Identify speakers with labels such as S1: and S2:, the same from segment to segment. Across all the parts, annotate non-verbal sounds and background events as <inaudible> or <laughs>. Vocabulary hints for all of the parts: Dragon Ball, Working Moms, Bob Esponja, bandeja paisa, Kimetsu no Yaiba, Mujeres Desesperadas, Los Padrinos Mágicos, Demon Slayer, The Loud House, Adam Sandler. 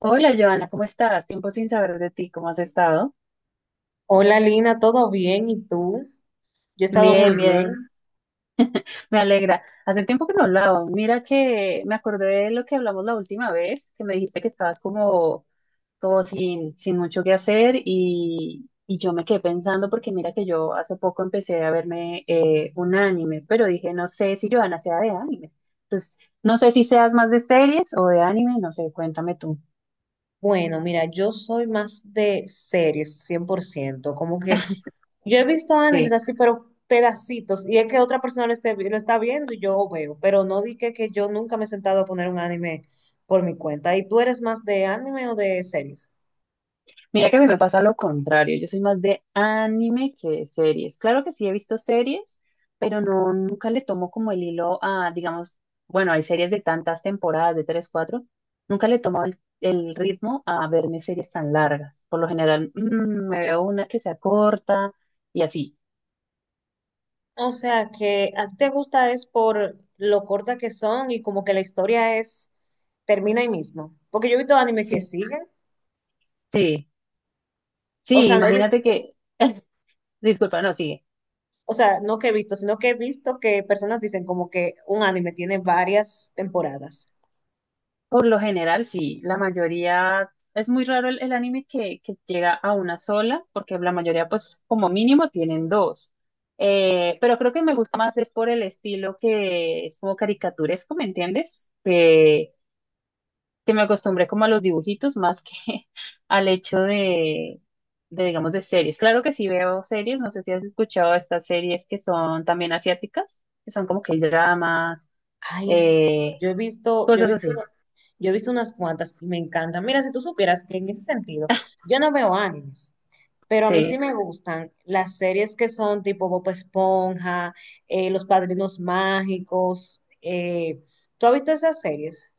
S1: Hola, Joana, ¿cómo estás? Tiempo sin saber de ti, ¿cómo has estado?
S2: Hola Lina, ¿todo bien? ¿Y tú? Yo he estado muy
S1: Bien,
S2: bien.
S1: bien, me alegra. Hace tiempo que no hablaba. Mira que me acordé de lo que hablamos la última vez, que me dijiste que estabas como, como sin mucho que hacer y yo me quedé pensando porque mira que yo hace poco empecé a verme un anime, pero dije, no sé si Joana sea de anime. Entonces, no sé si seas más de series o de anime, no sé, cuéntame tú.
S2: Bueno, mira, yo soy más de series, 100%. Como que yo he visto animes así, pero pedacitos. Y es que otra persona lo, lo está viendo y yo veo. Pero no di que yo nunca me he sentado a poner un anime por mi cuenta. ¿Y tú eres más de anime o de series?
S1: Mira que a mí me pasa lo contrario, yo soy más de anime que de series. Claro que sí he visto series, pero no, nunca le tomo como el hilo a, digamos, bueno, hay series de tantas temporadas, de tres, cuatro, nunca le tomo el ritmo a verme series tan largas. Por lo general, me veo una que sea corta y así.
S2: O sea, que a ti te gusta es por lo corta que son y como que la historia es, termina ahí mismo. Porque yo he visto animes que
S1: Sí,
S2: siguen.
S1: sí,
S2: O
S1: sí,
S2: sea, no
S1: imagínate que, <laughs> disculpa, no, sigue.
S2: o sea, no que he visto, sino que he visto que personas dicen como que un anime tiene varias temporadas.
S1: Por lo general, sí, la mayoría, es muy raro el anime que llega a una sola, porque la mayoría, pues, como mínimo tienen dos. Pero creo que me gusta más es por el estilo que es como caricaturesco, ¿me entiendes? Que me acostumbré como a los dibujitos más que <laughs> al hecho digamos, de series. Claro que sí veo series, no sé si has escuchado estas series que son también asiáticas, que son como que dramas,
S2: Ay, sí.
S1: eh,
S2: Yo he visto, yo he
S1: cosas
S2: visto,
S1: así,
S2: yo he visto unas cuantas y me encantan. Mira, si tú supieras que en ese sentido, yo no veo animes. Pero a mí sí
S1: sí.
S2: me gustan las series que son tipo Bob Esponja, Los Padrinos Mágicos. ¿Tú has visto esas series?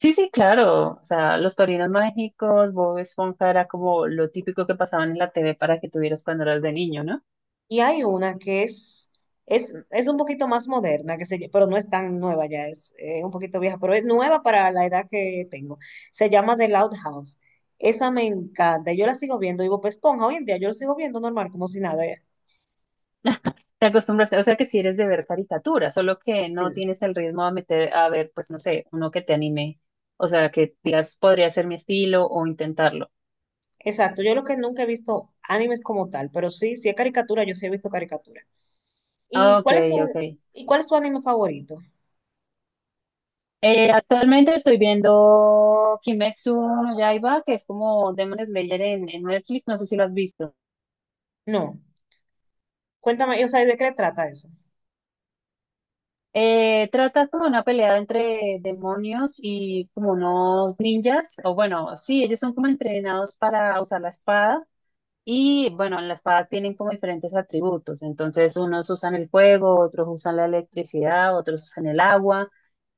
S1: Sí, sí, claro. O sea, los Padrinos Mágicos, Bob Esponja era como lo típico que pasaban en la TV para que tuvieras cuando eras de niño, ¿no?
S2: Y hay una que es, es un poquito más moderna, pero no es tan nueva ya, es un poquito vieja, pero es nueva para la edad que tengo. Se llama The Loud House. Esa me encanta. Yo la sigo viendo, y Bob Esponja, hoy en día yo lo sigo viendo normal, como si nada.
S1: Te acostumbraste, o sea que si eres de ver caricaturas, solo que no
S2: Sí,
S1: tienes el ritmo a meter, a ver, pues no sé, uno que te anime. O sea, que digas, podría ser mi estilo o intentarlo.
S2: exacto. Yo lo que nunca he visto animes como tal, pero sí, si es caricatura, yo sí he visto caricatura. ¿Y
S1: Ah, ok,
S2: cuál es tu,
S1: ok.
S2: ¿Y cuál es tu anime favorito?
S1: Actualmente estoy viendo Kimetsu no Yaiba, que es como Demon Slayer en Netflix, no sé si lo has visto.
S2: No, cuéntame, o sea, ¿de qué trata eso?
S1: Trata como una pelea entre demonios y como unos ninjas, o bueno, sí, ellos son como entrenados para usar la espada y bueno, en la espada tienen como diferentes atributos, entonces unos usan el fuego, otros usan la electricidad, otros usan el agua,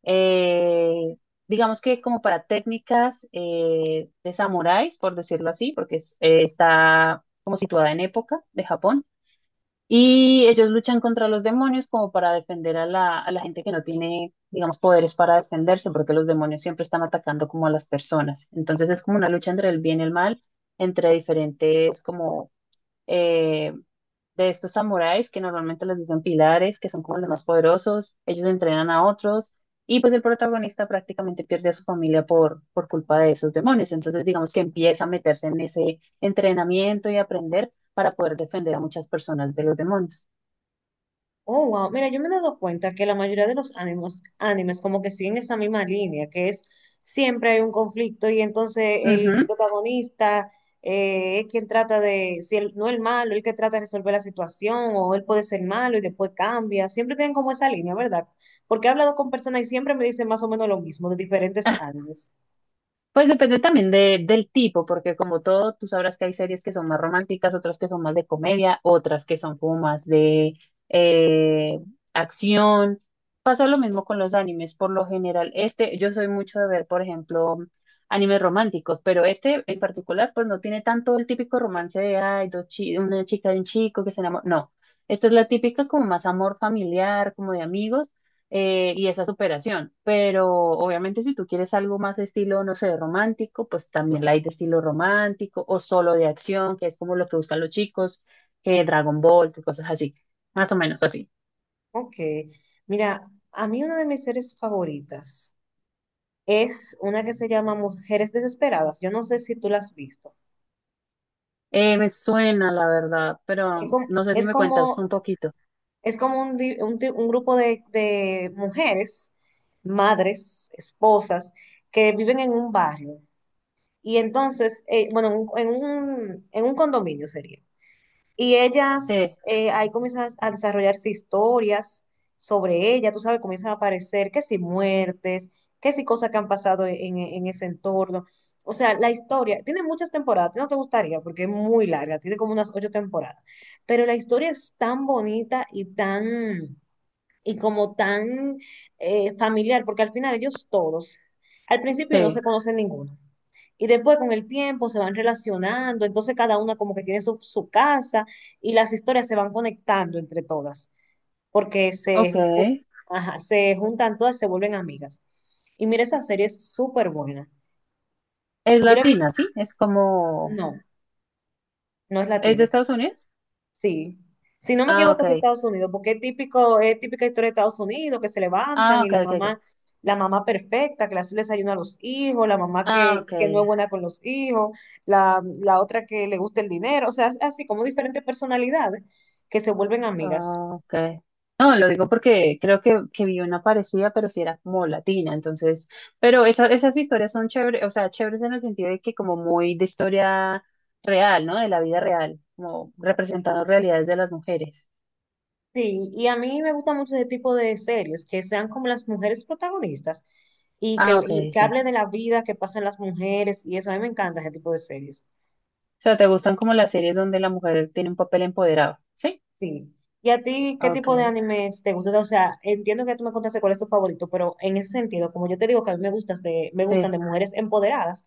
S1: eh, digamos que como para técnicas de samuráis, por decirlo así, porque está como situada en época de Japón. Y ellos luchan contra los demonios como para defender a a la gente que no tiene, digamos, poderes para defenderse, porque los demonios siempre están atacando como a las personas. Entonces es como una lucha entre el bien y el mal, entre diferentes como eh, de estos samuráis que normalmente les dicen pilares, que son como los más poderosos, ellos entrenan a otros y pues el protagonista prácticamente pierde a su familia por culpa de esos demonios. Entonces digamos que empieza a meterse en ese entrenamiento y aprender para poder defender a muchas personas de los demonios.
S2: Oh, wow, mira, yo me he dado cuenta que la mayoría de los animes como que siguen esa misma línea, que es siempre hay un conflicto y entonces el
S1: Ujú.
S2: protagonista es quien trata de, si él, no el malo, el que trata de resolver la situación o él puede ser malo y después cambia, siempre tienen como esa línea, ¿verdad? Porque he hablado con personas y siempre me dicen más o menos lo mismo de diferentes animes.
S1: Pues depende también de, del tipo, porque como todo, tú sabrás que hay series que son más románticas, otras que son más de comedia, otras que son como más de eh, acción. Pasa lo mismo con los animes, por lo general. Este, yo soy mucho de ver, por ejemplo, animes románticos, pero este en particular, pues no tiene tanto el típico romance de, ay, dos una chica y un chico que se enamora. No, esta es la típica como más amor familiar, como de amigos y esa superación. Pero obviamente si tú quieres algo más estilo, no sé, romántico, pues también la hay de estilo romántico o solo de acción, que es como lo que buscan los chicos, que Dragon Ball, que cosas así, más o menos así.
S2: Ok, mira, a mí una de mis series favoritas es una que se llama Mujeres Desesperadas. Yo no sé si tú la has visto.
S1: Me suena, la verdad,
S2: Es
S1: pero
S2: como,
S1: no sé si
S2: es
S1: me cuentas
S2: como,
S1: un poquito.
S2: es como un, di- un ti- un grupo de mujeres, madres, esposas, que viven en un barrio. Y entonces, bueno, en un condominio sería. Y
S1: Sí,
S2: ellas, ahí comienzan a desarrollarse historias sobre ella, tú sabes, comienzan a aparecer que si muertes, que si cosas que han pasado en ese entorno. O sea, la historia tiene muchas temporadas, a ti no te gustaría porque es muy larga, tiene como unas ocho temporadas, pero la historia es tan bonita y tan, y como tan familiar, porque al final ellos todos, al principio no se
S1: sí,
S2: conocen ninguno. Y después con el tiempo se van relacionando, entonces cada una como que tiene su casa y las historias se van conectando entre todas, porque
S1: ok.
S2: se, ju- ajá, se juntan todas, se vuelven amigas. Y mira, esa serie es súper buena.
S1: Es
S2: Yo la he visto,
S1: latina, ¿sí? Es como...
S2: no, no es
S1: ¿Es de
S2: latina.
S1: Estados Unidos?
S2: Sí. Si no me
S1: Ah,
S2: equivoco, es de
S1: ok.
S2: Estados Unidos, porque es típico, es típica historia de Estados Unidos, que se
S1: Ah,
S2: levantan y
S1: ok, ok, ok.
S2: la mamá perfecta, que le hace el desayuno a los hijos, la mamá
S1: Ah, ok.
S2: que no es buena con los hijos, la otra que le gusta el dinero, o sea, así como diferentes personalidades que se vuelven amigas.
S1: Ah, ok. No, lo digo porque creo que vi una parecida, pero sí era como latina, entonces, pero esas historias son chéveres, o sea, chéveres en el sentido de que como muy de historia real, ¿no? De la vida real, como representando realidades de las mujeres.
S2: Sí, y a mí me gusta mucho ese tipo de series, que sean como las mujeres protagonistas
S1: Ah, ok,
S2: y que
S1: sí.
S2: hable de la vida que pasan las mujeres y eso, a mí me encanta ese tipo de series.
S1: O sea, ¿te gustan como las series donde la mujer tiene un papel empoderado? Sí.
S2: Sí. ¿Y a ti qué
S1: Ok,
S2: tipo de animes te gustan? O sea, entiendo que tú me contaste cuál es tu favorito, pero en ese sentido, como yo te digo que a mí me gustan
S1: sí.
S2: de mujeres empoderadas,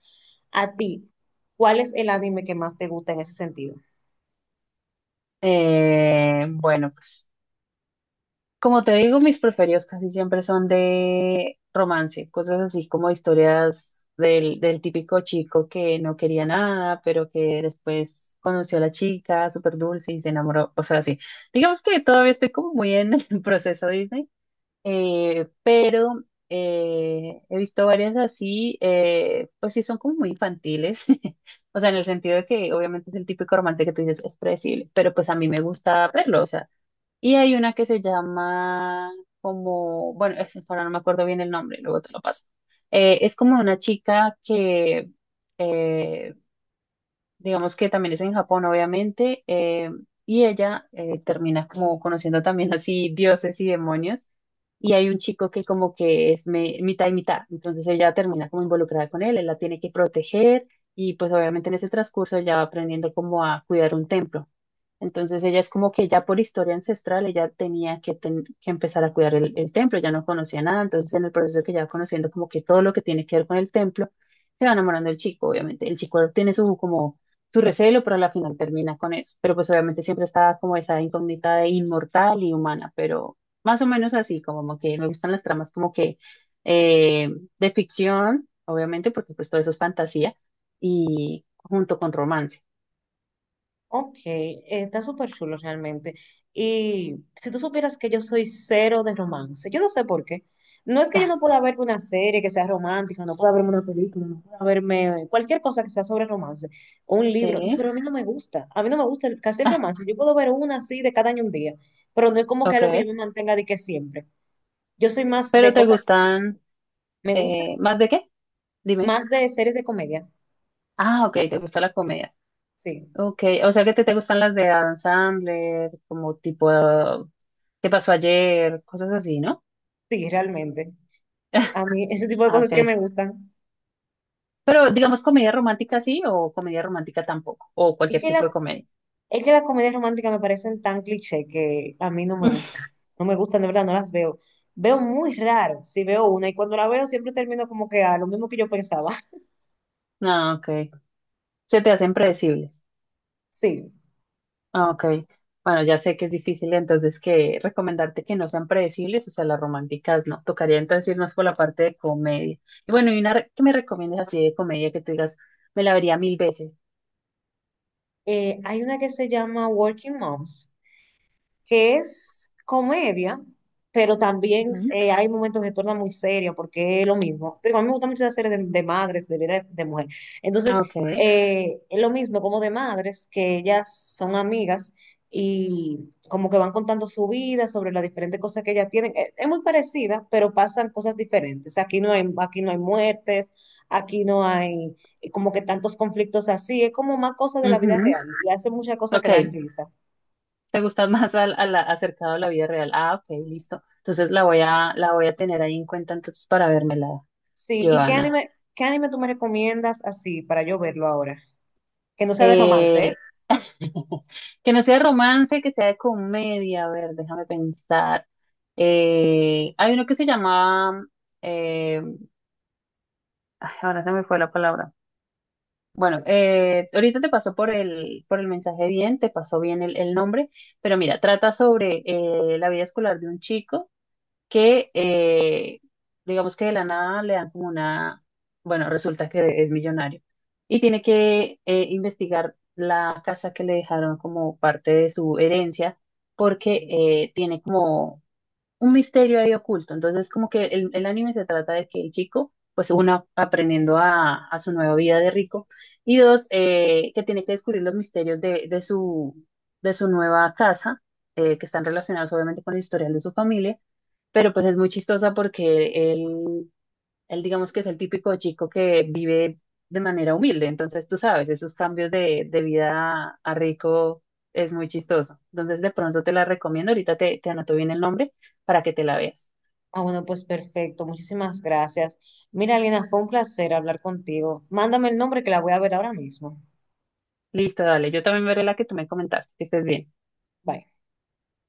S2: a ti, ¿cuál es el anime que más te gusta en ese sentido?
S1: Bueno, pues. Como te digo, mis preferidos casi siempre son de romance, cosas así como historias del, del típico chico que no quería nada, pero que después conoció a la chica, súper dulce y se enamoró, o sea, así. Digamos que todavía estoy como muy en el <laughs> proceso Disney, pero he visto varias así, pues sí son como muy infantiles, <laughs> o sea, en el sentido de que obviamente es el típico romance que tú dices, es predecible, pero pues a mí me gusta verlo, o sea. Y hay una que se llama como, bueno, ahora no me acuerdo bien el nombre, luego te lo paso. Es como una chica que, eh, digamos que también es en Japón, obviamente, y ella termina como conociendo también así dioses y demonios. Y hay un chico que como que es mitad y mitad, entonces ella termina como involucrada con él, él la tiene que proteger y pues obviamente en ese transcurso ella va aprendiendo como a cuidar un templo. Entonces ella es como que ya por historia ancestral ella tenía que empezar a cuidar el templo, ya no conocía nada, entonces en el proceso que ya va conociendo como que todo lo que tiene que ver con el templo, se va enamorando del chico, obviamente. El chico tiene su como su recelo, pero a la final termina con eso. Pero pues obviamente siempre está como esa incógnita de inmortal y humana, pero más o menos así, como que me gustan las tramas como que eh, de ficción, obviamente, porque pues todo eso es fantasía, y junto con romance.
S2: Ok, está súper chulo realmente. Y si tú supieras que yo soy cero de romance, yo no sé por qué. No es que yo no
S1: <laughs>
S2: pueda verme una serie que sea romántica, no pueda verme una película, no pueda verme cualquier cosa que sea sobre romance, o un libro,
S1: Sí,
S2: pero a mí no me gusta. A mí no me gusta el- casi el romance. Yo puedo ver una así de cada año un día, pero no es como que algo que yo
S1: ok.
S2: me mantenga de que siempre. Yo soy más de
S1: ¿Pero te
S2: cosas,
S1: gustan
S2: me gusta,
S1: más de qué? Dime.
S2: más de series de comedia.
S1: Ah, ok, te gusta la comedia.
S2: Sí,
S1: Ok, o sea que te gustan las de Adam Sandler, como tipo ah, ¿qué pasó ayer? Cosas así, ¿no?
S2: sí, realmente. A
S1: <laughs>
S2: mí ese tipo de
S1: Ah, ok.
S2: cosas que me gustan.
S1: Pero digamos comedia romántica sí o comedia romántica tampoco, o
S2: Es
S1: cualquier
S2: que la
S1: tipo de comedia.
S2: Es que las comedias románticas me parecen tan cliché que a mí no me gustan.
S1: <laughs>
S2: No me gustan, de verdad, no las veo. Veo muy raro si veo una y cuando la veo siempre termino como que a lo mismo que yo pensaba. <laughs>
S1: Ah, ok. Se te hacen predecibles.
S2: Sí.
S1: Ah, ok, bueno, ya sé que es difícil entonces que recomendarte que no sean predecibles, o sea, las románticas no. Tocaría entonces irnos por la parte de comedia. Y bueno, y una que me recomiendas así de comedia que tú digas, me la vería mil veces.
S2: Hay una que se llama Working Moms, que es comedia, pero también
S1: Ujú.
S2: hay momentos que se torna muy serio porque es lo mismo. Te digo, a mí me gusta mucho la serie de madres, de vida de mujer. Entonces,
S1: Ok,
S2: es lo mismo como de madres, que ellas son amigas y como que van contando su vida sobre las diferentes cosas que ellas tienen. Es muy parecida, pero pasan cosas diferentes. Aquí no hay muertes, aquí no hay como que tantos conflictos así. Es como más cosas de la vida
S1: ujú,
S2: real y hace muchas cosas que
S1: ok,
S2: dan risa.
S1: te gusta más al, a acercado a la vida real. Ah, ok, listo. Entonces la voy a tener ahí en cuenta entonces para vérmela,
S2: Sí,
S1: Joana.
S2: ¿qué anime tú me recomiendas así para yo verlo ahora? ¿Que no sea de romance, eh?
S1: Eh, Que no sea romance, que sea de comedia. A ver, déjame pensar. Hay uno que se llama. eh, Ay, ahora se me fue la palabra. Bueno, ahorita te pasó por por el mensaje bien, te pasó bien el nombre, pero mira, trata sobre la vida escolar de un chico que digamos que de la nada le dan como una, bueno, resulta que es millonario y tiene que investigar la casa que le dejaron como parte de su herencia porque tiene como un misterio ahí oculto. Entonces, como que el anime se trata de que el chico, pues uno, aprendiendo a su nueva vida de rico y dos, que tiene que descubrir los misterios de su nueva casa. Que están relacionados obviamente con el historial de su familia, pero pues es muy chistosa porque él digamos que es el típico chico que vive de manera humilde, entonces tú sabes, esos cambios de vida a rico es muy chistoso. Entonces de pronto te la recomiendo, ahorita te anoto bien el nombre para que te la veas.
S2: Ah, bueno, pues perfecto, muchísimas gracias. Mira, Lina, fue un placer hablar contigo. Mándame el nombre que la voy a ver ahora mismo.
S1: Listo, dale, yo también veré la que tú me comentaste, que estés bien.
S2: Bye.